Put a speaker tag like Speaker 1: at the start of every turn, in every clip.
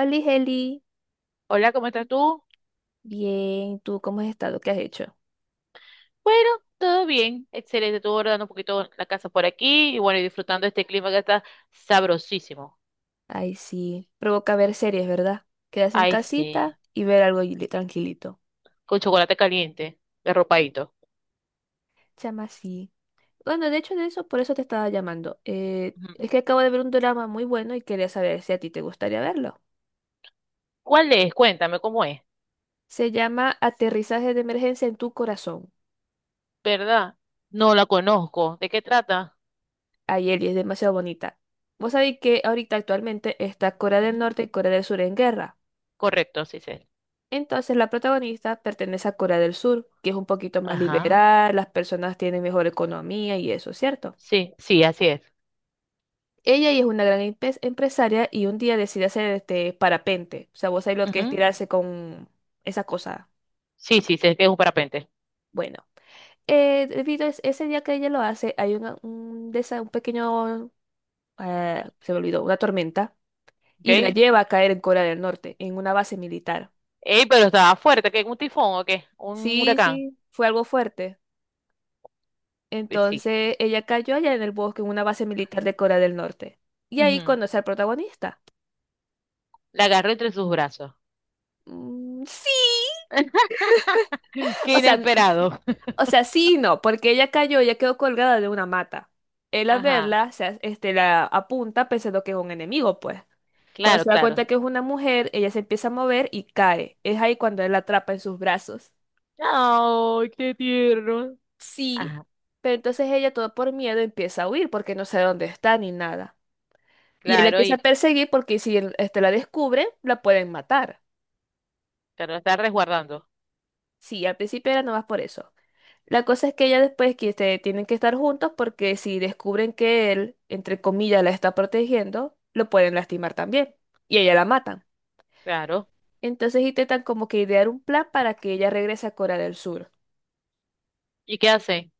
Speaker 1: Oli, Heli,
Speaker 2: Hola, ¿cómo estás tú?
Speaker 1: bien, ¿tú cómo has estado? ¿Qué has hecho?
Speaker 2: Bueno, todo bien, excelente. Estuve guardando un poquito la casa por aquí y bueno, y disfrutando de este clima que está sabrosísimo.
Speaker 1: Ay, sí, provoca ver series, ¿verdad? Quedarse en
Speaker 2: Ay,
Speaker 1: casita
Speaker 2: sí,
Speaker 1: y ver algo, tranquilito.
Speaker 2: con chocolate caliente, arropadito.
Speaker 1: Chama, sí. Bueno, de hecho, de eso, por eso te estaba llamando. Eh,
Speaker 2: Ujú.
Speaker 1: es que acabo de ver un drama muy bueno y quería saber si a ti te gustaría verlo.
Speaker 2: ¿Cuál es? Cuéntame cómo es,
Speaker 1: Se llama Aterrizaje de Emergencia en tu Corazón.
Speaker 2: ¿verdad? No la conozco. ¿De qué trata?
Speaker 1: Ay, Eli, es demasiado bonita. Vos sabéis que ahorita actualmente está Corea del
Speaker 2: Ujú.
Speaker 1: Norte y Corea del Sur en guerra.
Speaker 2: Correcto, sí sé.
Speaker 1: Entonces, la protagonista pertenece a Corea del Sur, que es un poquito más
Speaker 2: Ajá.
Speaker 1: liberal, las personas tienen mejor economía y eso, ¿cierto?
Speaker 2: Sí, sí, así es.
Speaker 1: Ella y es una gran empresaria, y un día decide hacer este parapente. O sea, vos sabés lo que es
Speaker 2: Ujú.
Speaker 1: tirarse con esa cosa.
Speaker 2: Sí, sí, sé que es un parapente.
Speaker 1: Bueno, debido a ese día que ella lo hace, hay una- un, desa- un pequeño, se me olvidó, una tormenta,
Speaker 2: ¿Ok?
Speaker 1: y la
Speaker 2: Ey,
Speaker 1: lleva a caer en Corea del Norte, en una base militar.
Speaker 2: pero estaba fuerte, ¿qué? ¿Un tifón o qué? ¿Un
Speaker 1: Sí,
Speaker 2: huracán?
Speaker 1: sí, fue algo fuerte.
Speaker 2: Sí.
Speaker 1: Entonces ella cayó allá en el bosque, en una base militar de Corea del Norte. Y ahí
Speaker 2: Ujú.
Speaker 1: conoce al protagonista.
Speaker 2: La agarró entre sus brazos.
Speaker 1: Mm, sí,
Speaker 2: Qué
Speaker 1: o sea,
Speaker 2: inesperado.
Speaker 1: o sea, sí y no, porque ella cayó, ella quedó colgada de una mata. Él, al
Speaker 2: Ajá,
Speaker 1: verla, este, la apunta pensando que es un enemigo, pues. Cuando
Speaker 2: claro,
Speaker 1: se da cuenta
Speaker 2: claro.
Speaker 1: que es una mujer, ella se empieza a mover y cae. Es ahí cuando él la atrapa en sus brazos.
Speaker 2: Ay, qué tierno.
Speaker 1: Sí,
Speaker 2: Ajá,
Speaker 1: pero entonces ella, todo por miedo, empieza a huir porque no sabe dónde está ni nada. Y él
Speaker 2: claro,
Speaker 1: empieza a
Speaker 2: y
Speaker 1: perseguir porque si él, este, la descubre, la pueden matar.
Speaker 2: pero está resguardando.
Speaker 1: Sí, al principio era nomás por eso. La cosa es que ya después, que este, tienen que estar juntos porque si descubren que él, entre comillas, la está protegiendo, lo pueden lastimar también. Y a ella la matan.
Speaker 2: Claro.
Speaker 1: Entonces intentan como que idear un plan para que ella regrese a Corea del Sur.
Speaker 2: ¿Y qué hace?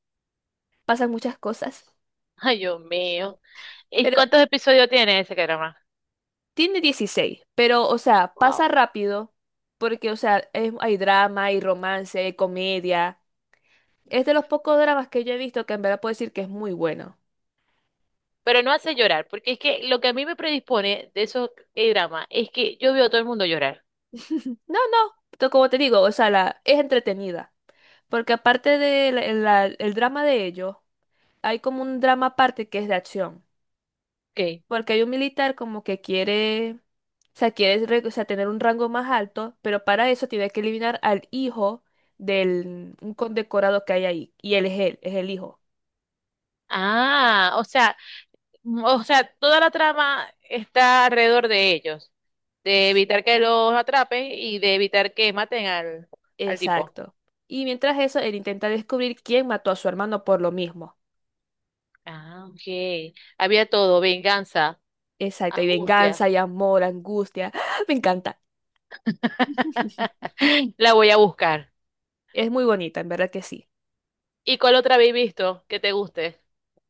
Speaker 1: Pasan muchas cosas.
Speaker 2: Ay, Dios mío. ¿Y
Speaker 1: Pero
Speaker 2: cuántos episodios tiene ese drama?
Speaker 1: tiene 16, pero o sea,
Speaker 2: Wow.
Speaker 1: pasa rápido porque o sea, hay drama, hay romance, hay comedia. Es de los pocos dramas que yo he visto que en verdad puedo decir que es muy bueno.
Speaker 2: Pero no hace llorar, porque es que lo que a mí me predispone de esos dramas es que yo veo a todo el mundo llorar.
Speaker 1: No, no, como te digo, o sea, la, es entretenida. Porque aparte del el drama de ellos, hay como un drama aparte que es de acción.
Speaker 2: Ok.
Speaker 1: Porque hay un militar como que quiere, o sea, quiere o sea, tener un rango más alto, pero para eso tiene que eliminar al hijo del un condecorado que hay ahí. Y es el hijo.
Speaker 2: Ah, o sea, o sea, toda la trama está alrededor de ellos, de evitar que los atrapen y de evitar que maten al, al tipo.
Speaker 1: Exacto. Y mientras eso, él intenta descubrir quién mató a su hermano, por lo mismo.
Speaker 2: Ah, ok. Había todo, venganza,
Speaker 1: Exacto. Y
Speaker 2: angustia.
Speaker 1: venganza, y amor, angustia. Me encanta.
Speaker 2: La voy a buscar.
Speaker 1: Es muy bonita, en verdad que sí.
Speaker 2: ¿Y cuál otra habéis visto que te guste?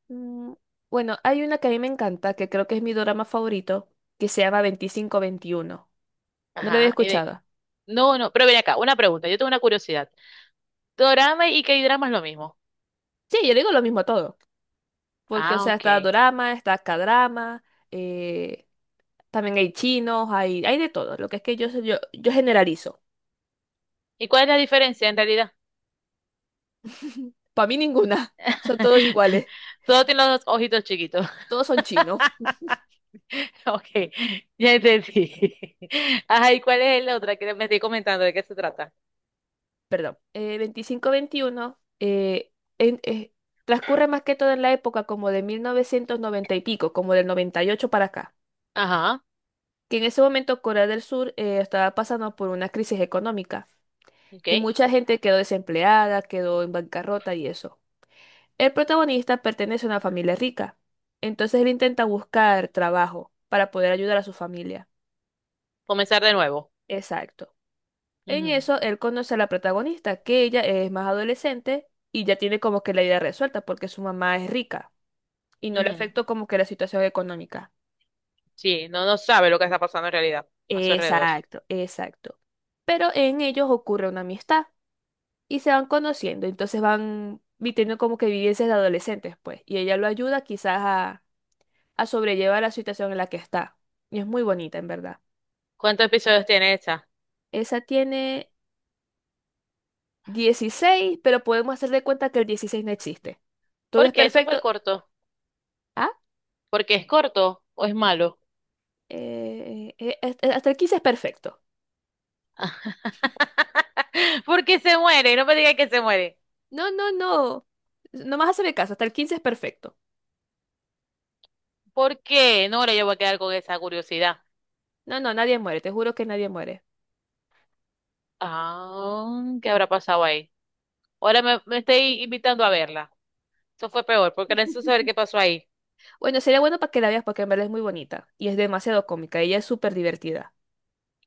Speaker 1: Mm, Bueno, hay una que a mí me encanta, que creo que es mi drama favorito, que se llama Veinticinco Veintiuno. No lo había
Speaker 2: Ajá.
Speaker 1: escuchado.
Speaker 2: No, no, pero ven acá, una pregunta, yo tengo una curiosidad. ¿Dorama y K-drama es lo mismo?
Speaker 1: Sí, yo le digo lo mismo a todo. Porque, o
Speaker 2: Ah,
Speaker 1: sea,
Speaker 2: ok.
Speaker 1: está dorama, está k eh, también hay chinos, hay de todo. Lo que es que yo generalizo.
Speaker 2: ¿Y cuál es la diferencia en realidad?
Speaker 1: Para mí ninguna. Son todos iguales.
Speaker 2: Todo tiene los ojitos chiquitos.
Speaker 1: Todos son chinos.
Speaker 2: Ok, ya entendí. Ajá, ¿y cuál es la otra que me estoy comentando? ¿De qué se trata?
Speaker 1: Perdón. Veinticinco Veintiuno en- eh, transcurre más que todo en la época, como de 1990 y pico, como del 98 para acá.
Speaker 2: Ajá,
Speaker 1: Que en ese momento Corea del Sur estaba pasando por una crisis económica,
Speaker 2: ok.
Speaker 1: y mucha gente quedó desempleada, quedó en bancarrota y eso. El protagonista pertenece a una familia rica, entonces él intenta buscar trabajo para poder ayudar a su familia.
Speaker 2: Comenzar de nuevo.
Speaker 1: Exacto. En
Speaker 2: Ujú,
Speaker 1: eso él conoce a la protagonista, que ella es más adolescente y ya tiene como que la idea resuelta porque su mamá es rica y no le
Speaker 2: ujú.
Speaker 1: afectó como que la situación económica.
Speaker 2: Sí, no, no sabe lo que está pasando en realidad a su alrededor.
Speaker 1: Exacto, exacto. Pero en ellos ocurre una amistad, y se van conociendo, entonces van como que vivencias de adolescentes, pues, y ella lo ayuda quizás a, sobrellevar la situación en la que está. Y es muy bonita, en verdad.
Speaker 2: ¿Cuántos episodios tiene esta?
Speaker 1: Esa tiene 16, pero podemos hacer de cuenta que el 16 no existe. Todo es
Speaker 2: ¿Por qué es súper
Speaker 1: perfecto.
Speaker 2: corto?
Speaker 1: Ah,
Speaker 2: ¿Porque es corto o es malo?
Speaker 1: hasta el 15 es perfecto.
Speaker 2: Porque se muere, no me digas que se muere.
Speaker 1: No, no, no. No más hacerme caso, hasta el 15 es perfecto.
Speaker 2: ¿Por qué? No, ahora yo voy a quedar con esa curiosidad.
Speaker 1: No, no, nadie muere, te juro que nadie muere.
Speaker 2: Ah, ¿qué habrá pasado ahí? Ahora me estoy invitando a verla. Eso fue peor, porque era eso saber qué pasó ahí.
Speaker 1: Bueno, sería bueno para que la veas porque en verdad es muy bonita y es demasiado cómica, ella es súper divertida.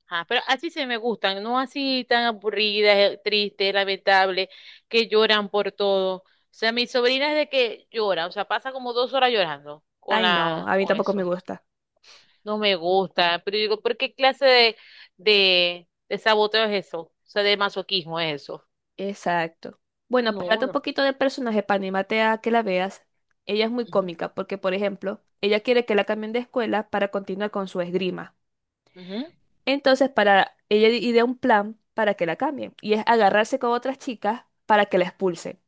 Speaker 2: Ajá, pero así se me gustan, no así tan aburridas, tristes, lamentables, que lloran por todo. O sea, mi sobrina es de que llora, o sea, pasa como dos horas llorando con
Speaker 1: Ay, no, a mí
Speaker 2: con
Speaker 1: tampoco me
Speaker 2: eso.
Speaker 1: gusta.
Speaker 2: No me gusta, pero yo digo, ¿por qué clase de, de saboteo es eso? O sea, de masoquismo es eso.
Speaker 1: Exacto. Bueno, para
Speaker 2: No,
Speaker 1: darte un
Speaker 2: no.
Speaker 1: poquito de personaje, para animarte a que la veas, ella es muy
Speaker 2: Ujú,
Speaker 1: cómica porque, por ejemplo, ella quiere que la cambien de escuela para continuar con su esgrima.
Speaker 2: ujú,
Speaker 1: Entonces, para ella idea un plan para que la cambien, y es agarrarse con otras chicas para que la expulsen.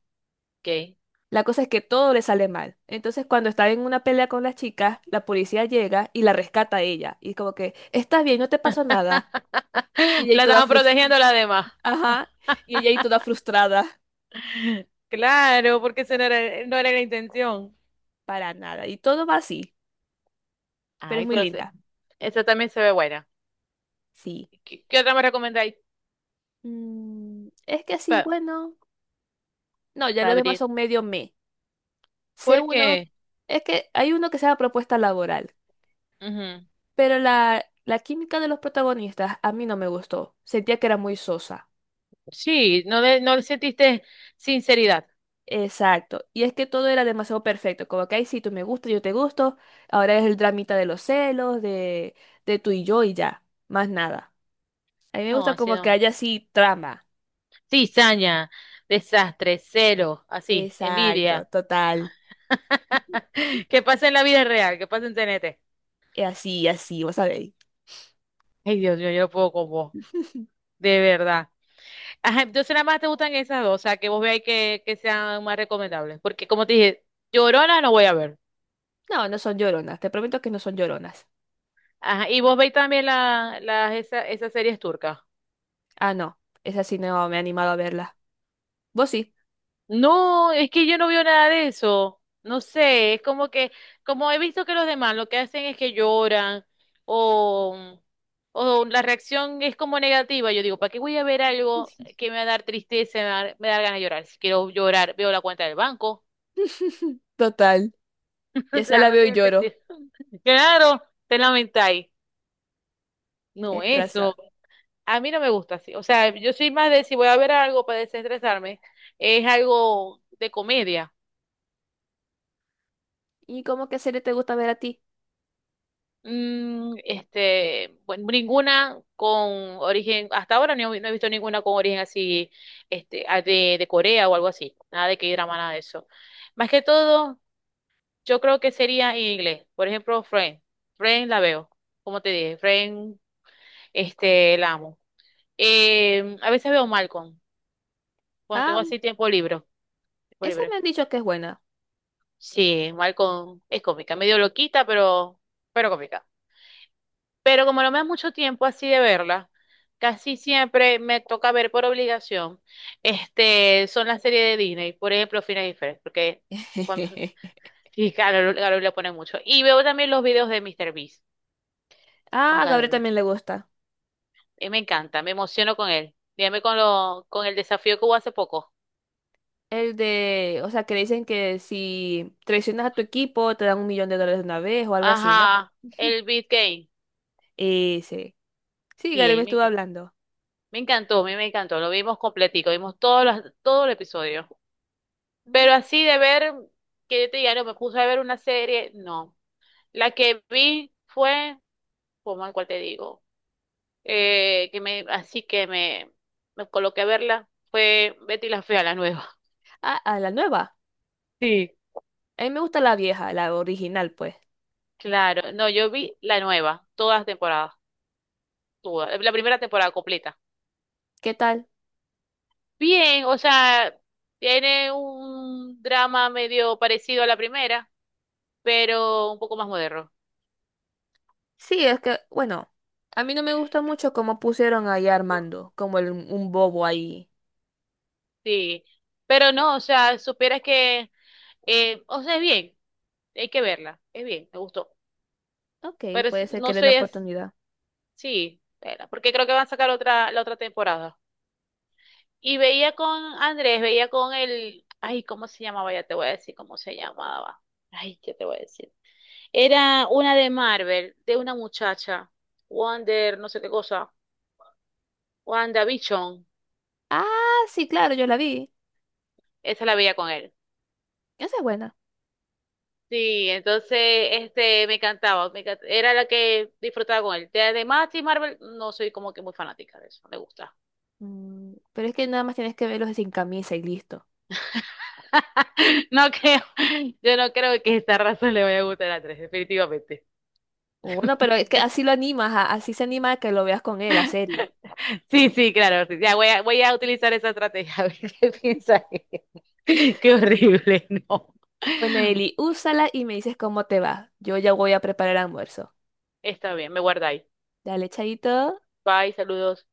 Speaker 2: ok.
Speaker 1: La cosa es que todo le sale mal. Entonces, cuando está en una pelea con las chicas, la policía llega y la rescata a ella. Y como que, ¿estás bien? No te pasó nada. Y ella ahí
Speaker 2: La
Speaker 1: toda
Speaker 2: estaban
Speaker 1: frus-
Speaker 2: protegiendo las demás.
Speaker 1: Ajá, y ella ahí toda frustrada.
Speaker 2: Claro, porque eso no era, no era la intención.
Speaker 1: Para nada. Y todo va así, pero es
Speaker 2: Ay,
Speaker 1: muy
Speaker 2: pero
Speaker 1: linda.
Speaker 2: esta también se ve buena.
Speaker 1: Sí.
Speaker 2: ¿Qué, qué otra me recomendáis
Speaker 1: Es que sí,
Speaker 2: para
Speaker 1: bueno. No, ya los demás
Speaker 2: abrir?
Speaker 1: son medio me. Sé uno,
Speaker 2: Porque,
Speaker 1: es que hay uno que se llama Propuesta Laboral,
Speaker 2: ujú,
Speaker 1: pero la, química de los protagonistas a mí no me gustó. Sentía que era muy sosa.
Speaker 2: Sí, no, no le sentiste sinceridad.
Speaker 1: Exacto. Y es que todo era demasiado perfecto. Como que, ay, sí, tú me gustas, yo te gusto. Ahora es el dramita de los celos, de tú y yo y ya. Más nada. A mí me
Speaker 2: No,
Speaker 1: gusta
Speaker 2: así
Speaker 1: como que
Speaker 2: no.
Speaker 1: haya así trama.
Speaker 2: Cizaña, desastre, celo, así, envidia.
Speaker 1: Exacto, total.
Speaker 2: Que pasa en la vida real, que pasa en TNT.
Speaker 1: Y así, vas a ver.
Speaker 2: Ay, Dios mío, yo no puedo con vos, de verdad. Ajá, entonces nada más te gustan esas dos, o sea, que vos veáis que sean más recomendables. Porque como te dije, llorona no voy a ver.
Speaker 1: No, no son lloronas, te prometo que no son lloronas.
Speaker 2: Ajá, y vos veis también la, las, esas series turcas.
Speaker 1: Ah, no, esa sí no me he animado a verla. ¿Vos sí?
Speaker 2: No, es que yo no veo nada de eso. No sé, es como que, como he visto que los demás lo que hacen es que lloran o, o la reacción es como negativa. Yo digo, ¿para qué voy a ver algo que me va a dar tristeza, me va a dar ganas de llorar? Si quiero llorar, veo la cuenta del banco.
Speaker 1: Total,
Speaker 2: O
Speaker 1: ya esa
Speaker 2: sea,
Speaker 1: la
Speaker 2: no
Speaker 1: veo y
Speaker 2: tiene
Speaker 1: lloro.
Speaker 2: sentido. Claro, te lamentáis. No,
Speaker 1: Tienes razón.
Speaker 2: eso. A mí no me gusta así. O sea, yo soy más de si voy a ver algo para desestresarme, es algo de comedia.
Speaker 1: ¿Y cómo qué serie te gusta ver a ti?
Speaker 2: Bueno, ninguna con origen, hasta ahora no, he no he visto ninguna con origen así, de, Corea o algo así. Nada de que drama, nada de eso. Más que todo, yo creo que sería en inglés. Por ejemplo, Friends. Friends la veo. Como te dije, Friends, la amo. A veces veo Malcolm, cuando tengo
Speaker 1: Ah,
Speaker 2: así tiempo libre. Tiempo
Speaker 1: esa
Speaker 2: libre.
Speaker 1: me han dicho que es buena.
Speaker 2: Sí, Malcolm es cómica, medio loquita, pero cómica. Pero como no me da mucho tiempo así de verla, casi siempre me toca ver por obligación, son las series de Disney, por ejemplo, Phineas y Ferb, porque cuando, sí, Carol le pone mucho. Y veo también los videos de Mr. Beast con
Speaker 1: Ah, a
Speaker 2: Carol
Speaker 1: Gabriel
Speaker 2: Luis.
Speaker 1: también le gusta.
Speaker 2: Y me encanta, me emociono con él. Dígame con con el desafío que hubo hace poco.
Speaker 1: El de, o sea, que dicen que si traicionas a tu equipo te dan un millón de dólares de una vez o algo así, ¿no?
Speaker 2: Ajá, el Beat Game.
Speaker 1: Ese. Sí,
Speaker 2: Sí, a
Speaker 1: Gabriel me
Speaker 2: mí me
Speaker 1: estuvo
Speaker 2: encanta.
Speaker 1: hablando.
Speaker 2: Me encantó, a mí me encantó. Lo vimos completico, vimos todo el episodio.
Speaker 1: Mm.
Speaker 2: Pero así de ver, que yo te diga, no, me puse a ver una serie, no. La que vi fue, como cual te digo, que me, así que me coloqué a verla, fue Betty la Fea, la nueva.
Speaker 1: Ah, a la nueva.
Speaker 2: Sí.
Speaker 1: A mí me gusta la vieja, la original, pues.
Speaker 2: Claro, no, yo vi la nueva, todas las temporadas, todas, la primera temporada completa.
Speaker 1: ¿Qué tal?
Speaker 2: Bien, o sea, tiene un drama medio parecido a la primera, pero un poco más moderno.
Speaker 1: Sí, es que, bueno, a mí no me gusta mucho cómo pusieron ahí a Armando, como un bobo ahí.
Speaker 2: Sí, pero no, o sea, supieras que, o sea, es bien. Hay que verla. Es bien, me gustó.
Speaker 1: Ok,
Speaker 2: Pero
Speaker 1: puede ser que
Speaker 2: no
Speaker 1: le den
Speaker 2: sé, es,
Speaker 1: oportunidad.
Speaker 2: sí, verla, porque creo que van a sacar otra, la otra temporada. Y veía con Andrés, veía con el, ay, ¿cómo se llamaba? Ya te voy a decir cómo se llamaba. Ay, ¿qué te voy a decir? Era una de Marvel, de una muchacha, Wonder, no sé qué cosa, WandaVision.
Speaker 1: Ah, sí, claro, yo la vi.
Speaker 2: Esa la veía con él.
Speaker 1: Esa es buena.
Speaker 2: Sí, entonces este me encantaba, era la que disfrutaba con él. De, Marvel, no soy como que muy fanática de eso, no me gusta.
Speaker 1: Pero es que nada más tienes que verlos de sin camisa y listo.
Speaker 2: No creo, yo no creo que esta raza le vaya a gustar a tres, definitivamente.
Speaker 1: Bueno, pero es que así lo animas, así se anima a que lo veas con él, la serie.
Speaker 2: Sí, sí, claro, sí, ya voy a utilizar esa estrategia, a ver qué piensa ella. Qué horrible, no.
Speaker 1: Bueno, Eli, úsala y me dices cómo te va. Yo ya voy a preparar el almuerzo.
Speaker 2: Está bien, me guardáis.
Speaker 1: Dale, chaito.
Speaker 2: Bye, saludos.